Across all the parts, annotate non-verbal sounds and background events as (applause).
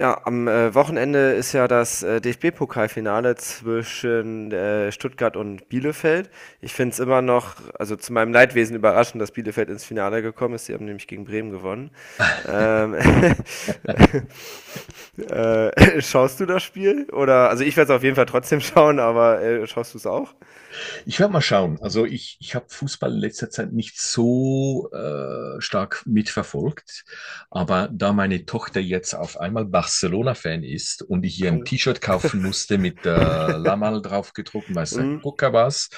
Ja, am Wochenende ist ja das DFB-Pokalfinale zwischen Stuttgart und Bielefeld. Ich finde es immer noch, also zu meinem Leidwesen überraschend, dass Bielefeld ins Finale gekommen ist. Sie haben nämlich gegen Bremen gewonnen. Ähm, (laughs) (laughs) schaust du das Spiel? Oder, also ich werde es auf jeden Fall trotzdem schauen, aber, schaust du es auch? Ich werde mal schauen. Also ich habe Fußball in letzter Zeit nicht so stark mitverfolgt, aber da meine Tochter jetzt auf einmal Barcelona-Fan ist und ich ihr ein Au. T-Shirt kaufen musste mit (laughs) Lamal drauf gedruckt, weiß der Mhm. Gucker was.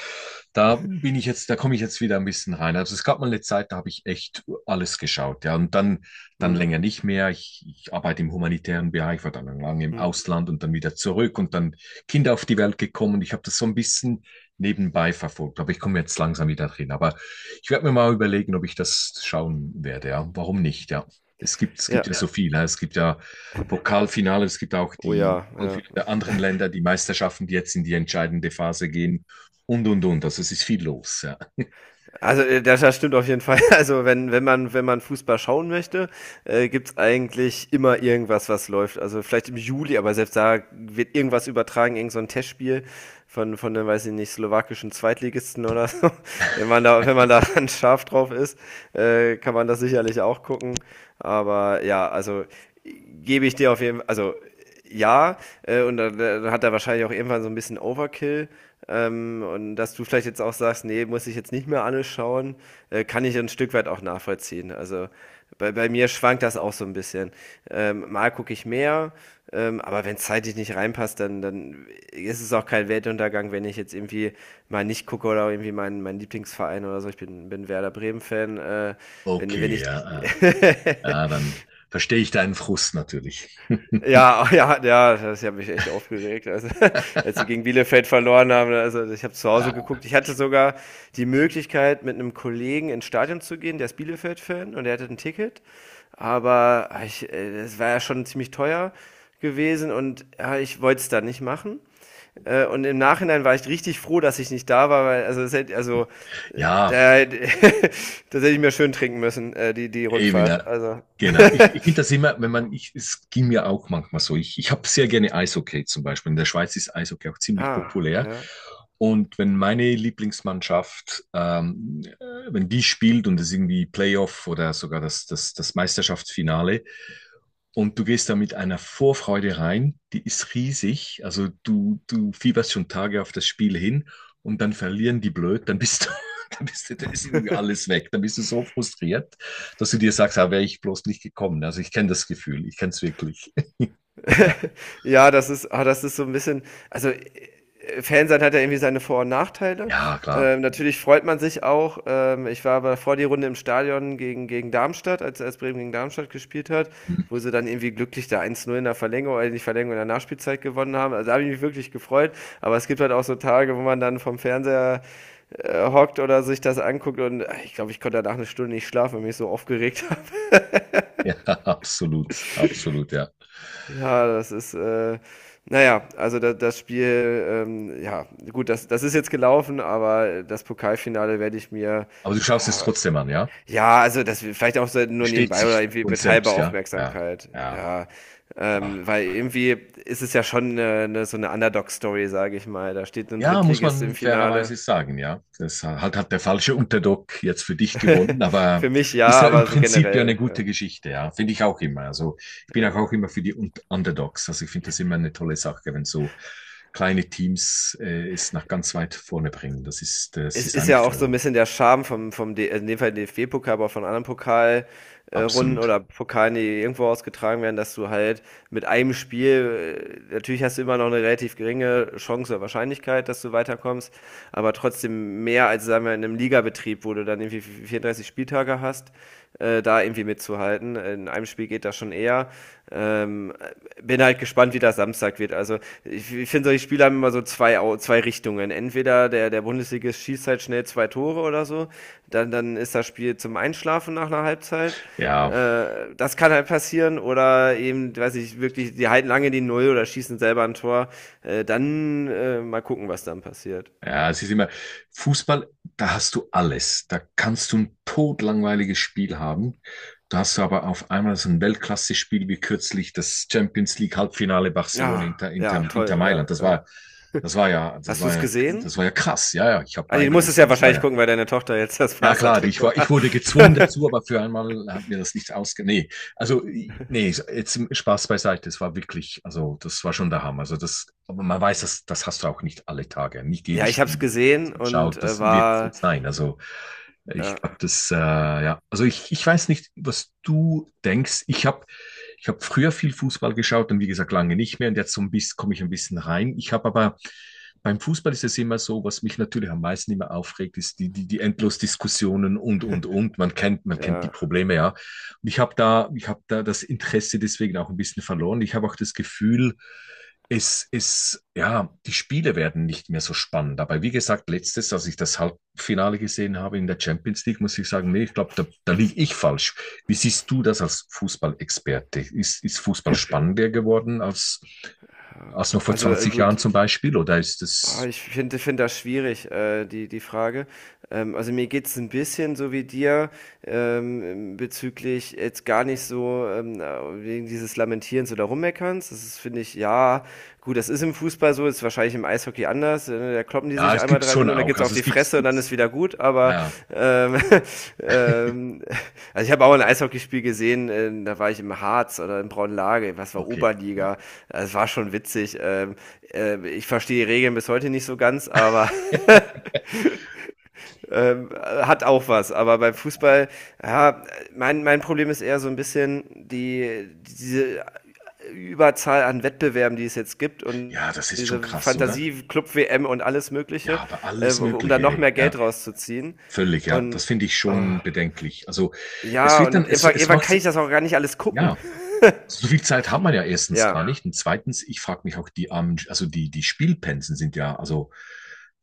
Da da komme ich jetzt wieder ein bisschen rein. Also es gab mal eine Zeit, da habe ich echt alles geschaut, ja, und dann Mhm. länger nicht mehr. Ich arbeite im humanitären Bereich, war dann lange im Mhm. Ausland und dann wieder zurück und dann Kinder auf die Welt gekommen. Ich habe das so ein bisschen nebenbei verfolgt. Aber ich komme jetzt langsam wieder drin. Aber ich werde mir mal überlegen, ob ich das schauen werde. Ja. Warum nicht? Ja. Es gibt ja. Ja. Ja. So. Ja. Viel. Ja. Es gibt ja Pokalfinale, es gibt auch Oh die ja, ja. der anderen Länder, die Meisterschaften, die jetzt in die entscheidende Phase gehen, und, und. Also es ist viel los. Ja. Also das stimmt auf jeden Fall. (laughs) Also wenn man Fußball schauen möchte, gibt's eigentlich immer irgendwas, was läuft. Also vielleicht im Juli, aber selbst da wird irgendwas übertragen, irgend so ein Testspiel von der, weiß ich nicht, slowakischen Zweitligisten oder so. (laughs) Wenn man da (laughs) dann scharf drauf ist, kann man das sicherlich auch gucken. Aber ja, also gebe ich dir auf jeden Fall, also ja, und dann hat er wahrscheinlich auch irgendwann so ein bisschen Overkill. Und dass du vielleicht jetzt auch sagst, nee, muss ich jetzt nicht mehr alles schauen, kann ich ein Stück weit auch nachvollziehen. Also bei mir schwankt das auch so ein bisschen. Mal gucke ich mehr, aber wenn es zeitlich nicht reinpasst, dann ist es auch kein Weltuntergang, wenn ich jetzt irgendwie mal nicht gucke oder irgendwie mein Lieblingsverein oder so. Ich bin Werder Bremen-Fan. Wenn Okay, ich ja, (laughs) ja. Ja, dann verstehe ich deinen Frust natürlich. Ja, (laughs) ja, ja, das hat mich echt aufgeregt. Also, (laughs) als sie gegen (laughs) Bielefeld verloren haben, also ich habe zu Hause geguckt. Ich hatte sogar die Möglichkeit, mit einem Kollegen ins Stadion zu gehen, der ist Bielefeld-Fan und der hatte ein Ticket. Aber es war ja schon ziemlich teuer gewesen und ja, ich wollte es dann nicht machen. Und im Nachhinein war ich richtig froh, dass ich nicht da war, weil also, es hätte, also äh, Ja, da, (laughs) das hätte ich mir schön trinken müssen, die eben, Rückfahrt. ja. Also. Genau. Ich (laughs) finde das immer, wenn man, ich, es ging mir auch manchmal so. Ich habe sehr gerne Eishockey zum Beispiel. In der Schweiz ist Eishockey auch ziemlich Ah, populär. ja. Und wenn meine Lieblingsmannschaft, wenn die spielt und es irgendwie Playoff oder sogar das Meisterschaftsfinale, und du gehst da mit einer Vorfreude rein, die ist riesig. Also du fieberst schon Tage auf das Spiel hin, und dann verlieren die blöd, dann bist du, (laughs) dann bist du, dann ist irgendwie alles weg. Dann bist du so frustriert, dass du dir sagst, ah, wäre ich bloß nicht gekommen. Also ich kenne das Gefühl, ich kenne es wirklich. (laughs) (laughs) Ja, das ist das ist so ein bisschen also, Fan sein hat ja irgendwie seine Vor und Nachteile. Ja, klar. Natürlich freut man sich auch. Ich war aber vor die Runde im Stadion gegen Darmstadt, als Bremen gegen Darmstadt gespielt hat, Hm. wo sie dann irgendwie glücklich da 1:0 in der Verlängerung, nicht Verlängerung, in der Nachspielzeit gewonnen haben. Also, da habe ich mich wirklich gefreut, aber es gibt halt auch so Tage, wo man dann vom Fernseher, hockt oder sich das anguckt und, ich glaube, ich konnte danach eine Stunde nicht schlafen, weil mich so aufgeregt. Ja, (laughs) absolut, absolut, ja. Ja, das ist, na ja, also da das Spiel, ja, gut, das ist jetzt gelaufen, aber das Pokalfinale werde ich mir Aber du schaust es ja, trotzdem an, ja? ja, also das vielleicht auch so nur Versteht nebenbei sich oder irgendwie von mit halber selbst, ja? Ja, Aufmerksamkeit, ja. ja. Ah. Weil irgendwie ist es ja schon 'ne so eine Underdog-Story, sage ich mal. Da steht ein Ja, muss Drittligist im man Finale. fairerweise sagen, ja. Das halt hat der falsche Underdog jetzt für dich gewonnen, (laughs) aber Für mich ist ja, ja im aber so Prinzip ja eine gute generell, Geschichte, ja. Finde ich auch immer. Also ich ja, bin auch, ja. auch immer für die Underdogs. Also ich finde das immer eine tolle Sache, wenn so kleine Teams es nach ganz weit vorne bringen. Das Es ist das ist eigentlich ja auch so so ein toll. bisschen der Charme vom D in dem Fall DFB-Pokal, aber auch von anderen Pokalrunden Absolut. oder Pokalen, die irgendwo ausgetragen werden, dass du halt mit einem Spiel, natürlich hast du immer noch eine relativ geringe Chance oder Wahrscheinlichkeit, dass du weiterkommst, aber trotzdem mehr als, sagen wir, in 'nem Ligabetrieb, wo du dann irgendwie v 34 Spieltage hast, da irgendwie mitzuhalten. In einem Spiel geht das schon eher. Ähm, bin halt gespannt, wie das Samstag wird. Also ich finde, solche Spiele haben immer so zwei Richtungen. Entweder der Bundesligist schießt halt schnell zwei Tore oder so, dann ist das Spiel zum Einschlafen nach einer Halbzeit. Ja. Das kann halt passieren. Oder eben, weiß ich, wirklich, die halten lange die Null oder schießen selber ein Tor. Dann mal gucken, was dann passiert. Ja, es ist immer, Fußball, da hast du alles. Da kannst du ein todlangweiliges Spiel haben. Da hast du aber auf einmal so ein Weltklasse-Spiel wie kürzlich das Champions League Halbfinale Barcelona Ja, Inter, ja, Inter toll, ja, Mailand. Ja. Das war ja, das Hast du war es ja, gesehen? das war ja krass. Ja, ja, ich habe Also, du beide musstest gesehen. ja Das war wahrscheinlich ja gucken, weil deine Tochter jetzt das ja, klar, Barca-Trikot ich hat. wurde gezwungen (laughs) dazu, aber für einmal hat mir das nicht ausge... Nee, also, nee, jetzt Spaß beiseite, das war wirklich, also, das war schon der Hammer. Also, das, aber man weiß, das, das hast du auch nicht alle Tage, nicht Ja, jedes ich hab's Spiel, das gesehen man und schaut, das wird so war, sein. Also, ich äh, glaube, das, ja, also ich weiß nicht, was du denkst. Ich habe früher viel Fußball geschaut, und wie gesagt lange nicht mehr, und jetzt so ein bisschen komme ich ein bisschen rein. Ich habe aber beim Fußball ist es immer so, was mich natürlich am meisten immer aufregt, ist die Endlos-Diskussionen und, und. Man kennt die ja, Probleme, ja. Und ich habe da das Interesse deswegen auch ein bisschen verloren. Ich habe auch das Gefühl, die Spiele werden nicht mehr so spannend. Aber wie gesagt, letztes, als ich das Halbfinale gesehen habe in der Champions League, muss ich sagen, nee, ich glaube, da liege ich falsch. Wie siehst du das als Fußballexperte? Ist Fußball spannender geworden als, noch vor also 20 Jahren gut, zum Beispiel? Oder ist oh, es, ich finde find das schwierig, die Frage. Also mir geht's ein bisschen so wie dir, bezüglich jetzt gar nicht so, wegen dieses Lamentierens oder Rummeckerns. Das ist, finde ich, ja. Gut, das ist im Fußball so, ist wahrscheinlich im Eishockey anders. Da kloppen die ja, sich es einmal gibt's drei schon Minuten, da auch. geht's auf Also es die gibt's, Fresse und dann ist gibt's, wieder gut. Aber ja, ähm, (laughs) ähm, also ich habe auch ein Eishockeyspiel gesehen, da war ich im Harz oder in Braunlage, was war okay. Ja. Oberliga. Es war schon witzig. Ich verstehe die Regeln bis heute nicht so ganz, aber (laughs) hat auch was. Aber beim Fußball, ja, mein Problem ist eher so ein bisschen die, diese Überzahl an Wettbewerben, die es jetzt gibt und Ja, das ist schon diese krass, oder? Fantasie, Club WM und alles Ja, Mögliche, aber alles um da Mögliche, noch hey. mehr Ja, Geld rauszuziehen. völlig, ja. Und Das finde ich oh, schon bedenklich. Also es ja, wird dann, und irgendwann, es irgendwann kann macht, ich das auch gar nicht alles ja. gucken. Also so viel Zeit hat man ja erstens gar Ja. nicht. Und zweitens, ich frage mich auch, die armen, also die Spielpensen sind ja, also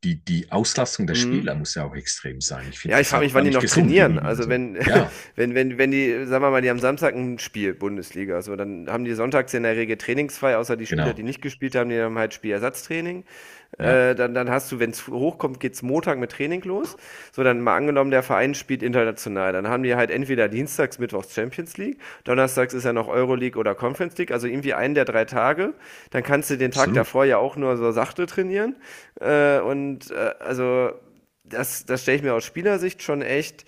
die Auslastung der Mhm. Spieler muss ja auch extrem sein. Ich finde Ja, ich das ja frage auch mich, wann gar die nicht noch gesund trainieren. irgendwie. Also Also, wenn, ja, (laughs) wenn die, sagen wir mal, die haben Samstag ein Spiel, Bundesliga, so, dann haben die sonntags in der Regel trainingsfrei, außer die Spieler, genau. die nicht gespielt haben, die haben halt Spielersatztraining. Ja, Dann hast du, wenn es hochkommt, geht's Montag mit Training los. So, dann mal angenommen, der Verein spielt international. Dann haben die halt entweder dienstags, mittwochs Champions League, donnerstags ist ja noch Euroleague oder Conference League, also irgendwie einen der 3 Tage. Dann kannst du den Tag absolut. davor ja auch nur so sachte trainieren. Und also das stelle ich mir aus Spielersicht schon echt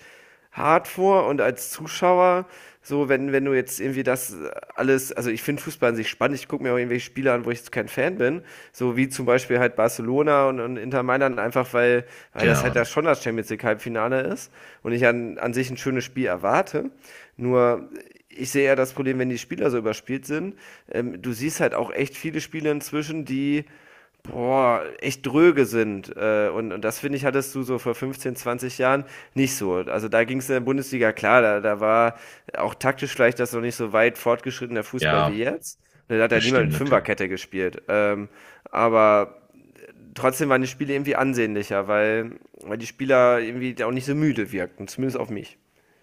hart vor und als Zuschauer, so wenn du jetzt irgendwie das alles, also ich finde Fußball an sich spannend, ich gucke mir auch irgendwelche Spiele an, wo ich jetzt kein Fan bin, so wie zum Beispiel halt Barcelona und Inter Mailand, einfach weil das Genau. halt ja schon das Champions League Halbfinale ist und ich an sich ein schönes Spiel erwarte. Nur ich sehe ja das Problem, wenn die Spieler so überspielt sind. Du siehst halt auch echt viele Spiele inzwischen, die echt dröge sind. Und das finde ich, hattest du so vor 15, 20 Jahren nicht so. Also da ging es in der Bundesliga klar, da war auch taktisch vielleicht das noch nicht so weit fortgeschrittener Fußball wie Ja, jetzt. Da hat ja das niemand stimmt mit natürlich. Fünferkette gespielt. Aber trotzdem waren die Spiele irgendwie ansehnlicher, weil die Spieler irgendwie auch nicht so müde wirkten, zumindest auf mich.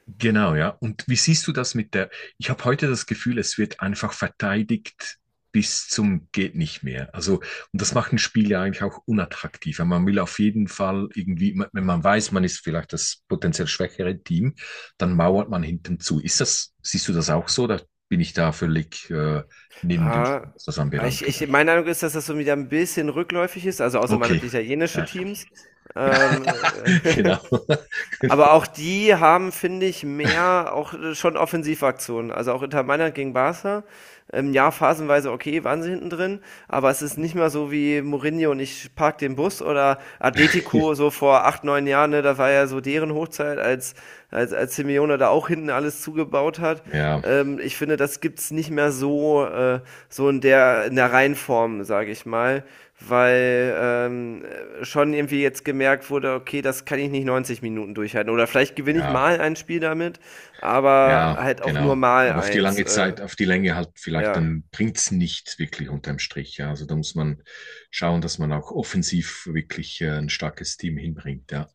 Genau, ja. Und wie siehst du das mit der, ich habe heute das Gefühl, es wird einfach verteidigt bis zum geht nicht mehr. Also, und das macht ein Spiel ja eigentlich auch unattraktiver. Man will auf jeden Fall irgendwie, wenn man weiß, man ist vielleicht das potenziell schwächere Team, dann mauert man hinten zu. Siehst du das auch so? Da bin ich da völlig neben den Ah, Schuhen, was das ich, anbelangt. Oder? ich, meine Meinung ist, dass das so wieder ein bisschen rückläufig ist, also außer man Okay. hat italienische Ja. Teams. (laughs) Ja. Ähm, (laughs) Genau. (laughs) Aber auch die haben, finde ich, mehr auch schon Offensivaktionen. Also auch Inter Mailand gegen Barca, ja, phasenweise okay, waren sie hinten drin, aber es ist nicht mehr so wie Mourinho und ich park den Bus oder (laughs) Atletico so vor 8, 9 Jahren, ne, da war ja so deren Hochzeit, als Simeone da auch hinten alles zugebaut hat. Ja, Ich finde, das gibt's nicht mehr so, so in der, Reihenform, sage ich mal, weil schon irgendwie jetzt gemerkt wurde, okay, das kann ich nicht 90 Minuten durchhalten oder vielleicht gewinne ich ja. mal ein Spiel damit, aber Ja, halt auch nur genau. mal Aber auf die eins, lange Zeit, auf die Länge halt vielleicht, ja. dann bringt's nicht wirklich unterm Strich. Ja. Also da muss man schauen, dass man auch offensiv wirklich ein starkes Team hinbringt. Ja,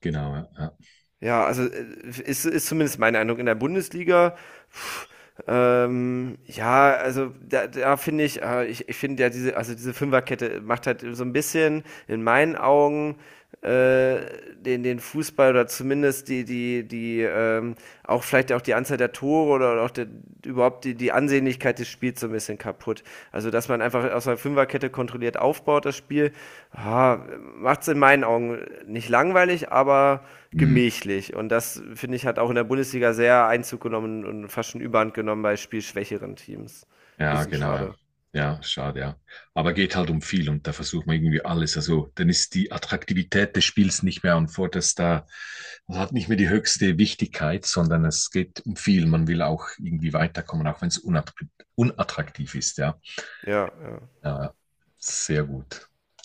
genau. Ja, ja. Ja, also ist zumindest mein Eindruck in der Bundesliga. pff, ja, also da finde ich, ich finde ja diese, also diese Fünferkette macht halt so ein bisschen in meinen Augen, äh, den Fußball oder zumindest die, auch vielleicht auch die Anzahl der Tore oder auch überhaupt die Ansehnlichkeit des Spiels so ein bisschen kaputt. Also, dass man einfach aus einer Fünferkette kontrolliert aufbaut, das Spiel, ah, macht es in meinen Augen nicht langweilig, aber Hm, gemächlich. Und das, finde ich, hat auch in der Bundesliga sehr Einzug genommen und fast schon Überhand genommen bei spielschwächeren Teams. ja, Bisschen genau. Ja. schade. Ja, schade, ja. Aber geht halt um viel, und da versucht man irgendwie alles. Also dann ist die Attraktivität des Spiels nicht mehr an vorderster, also hat nicht mehr die höchste Wichtigkeit, sondern es geht um viel. Man will auch irgendwie weiterkommen, auch wenn es unattraktiv ist. Ja. Ja, ja. Ja, sehr gut.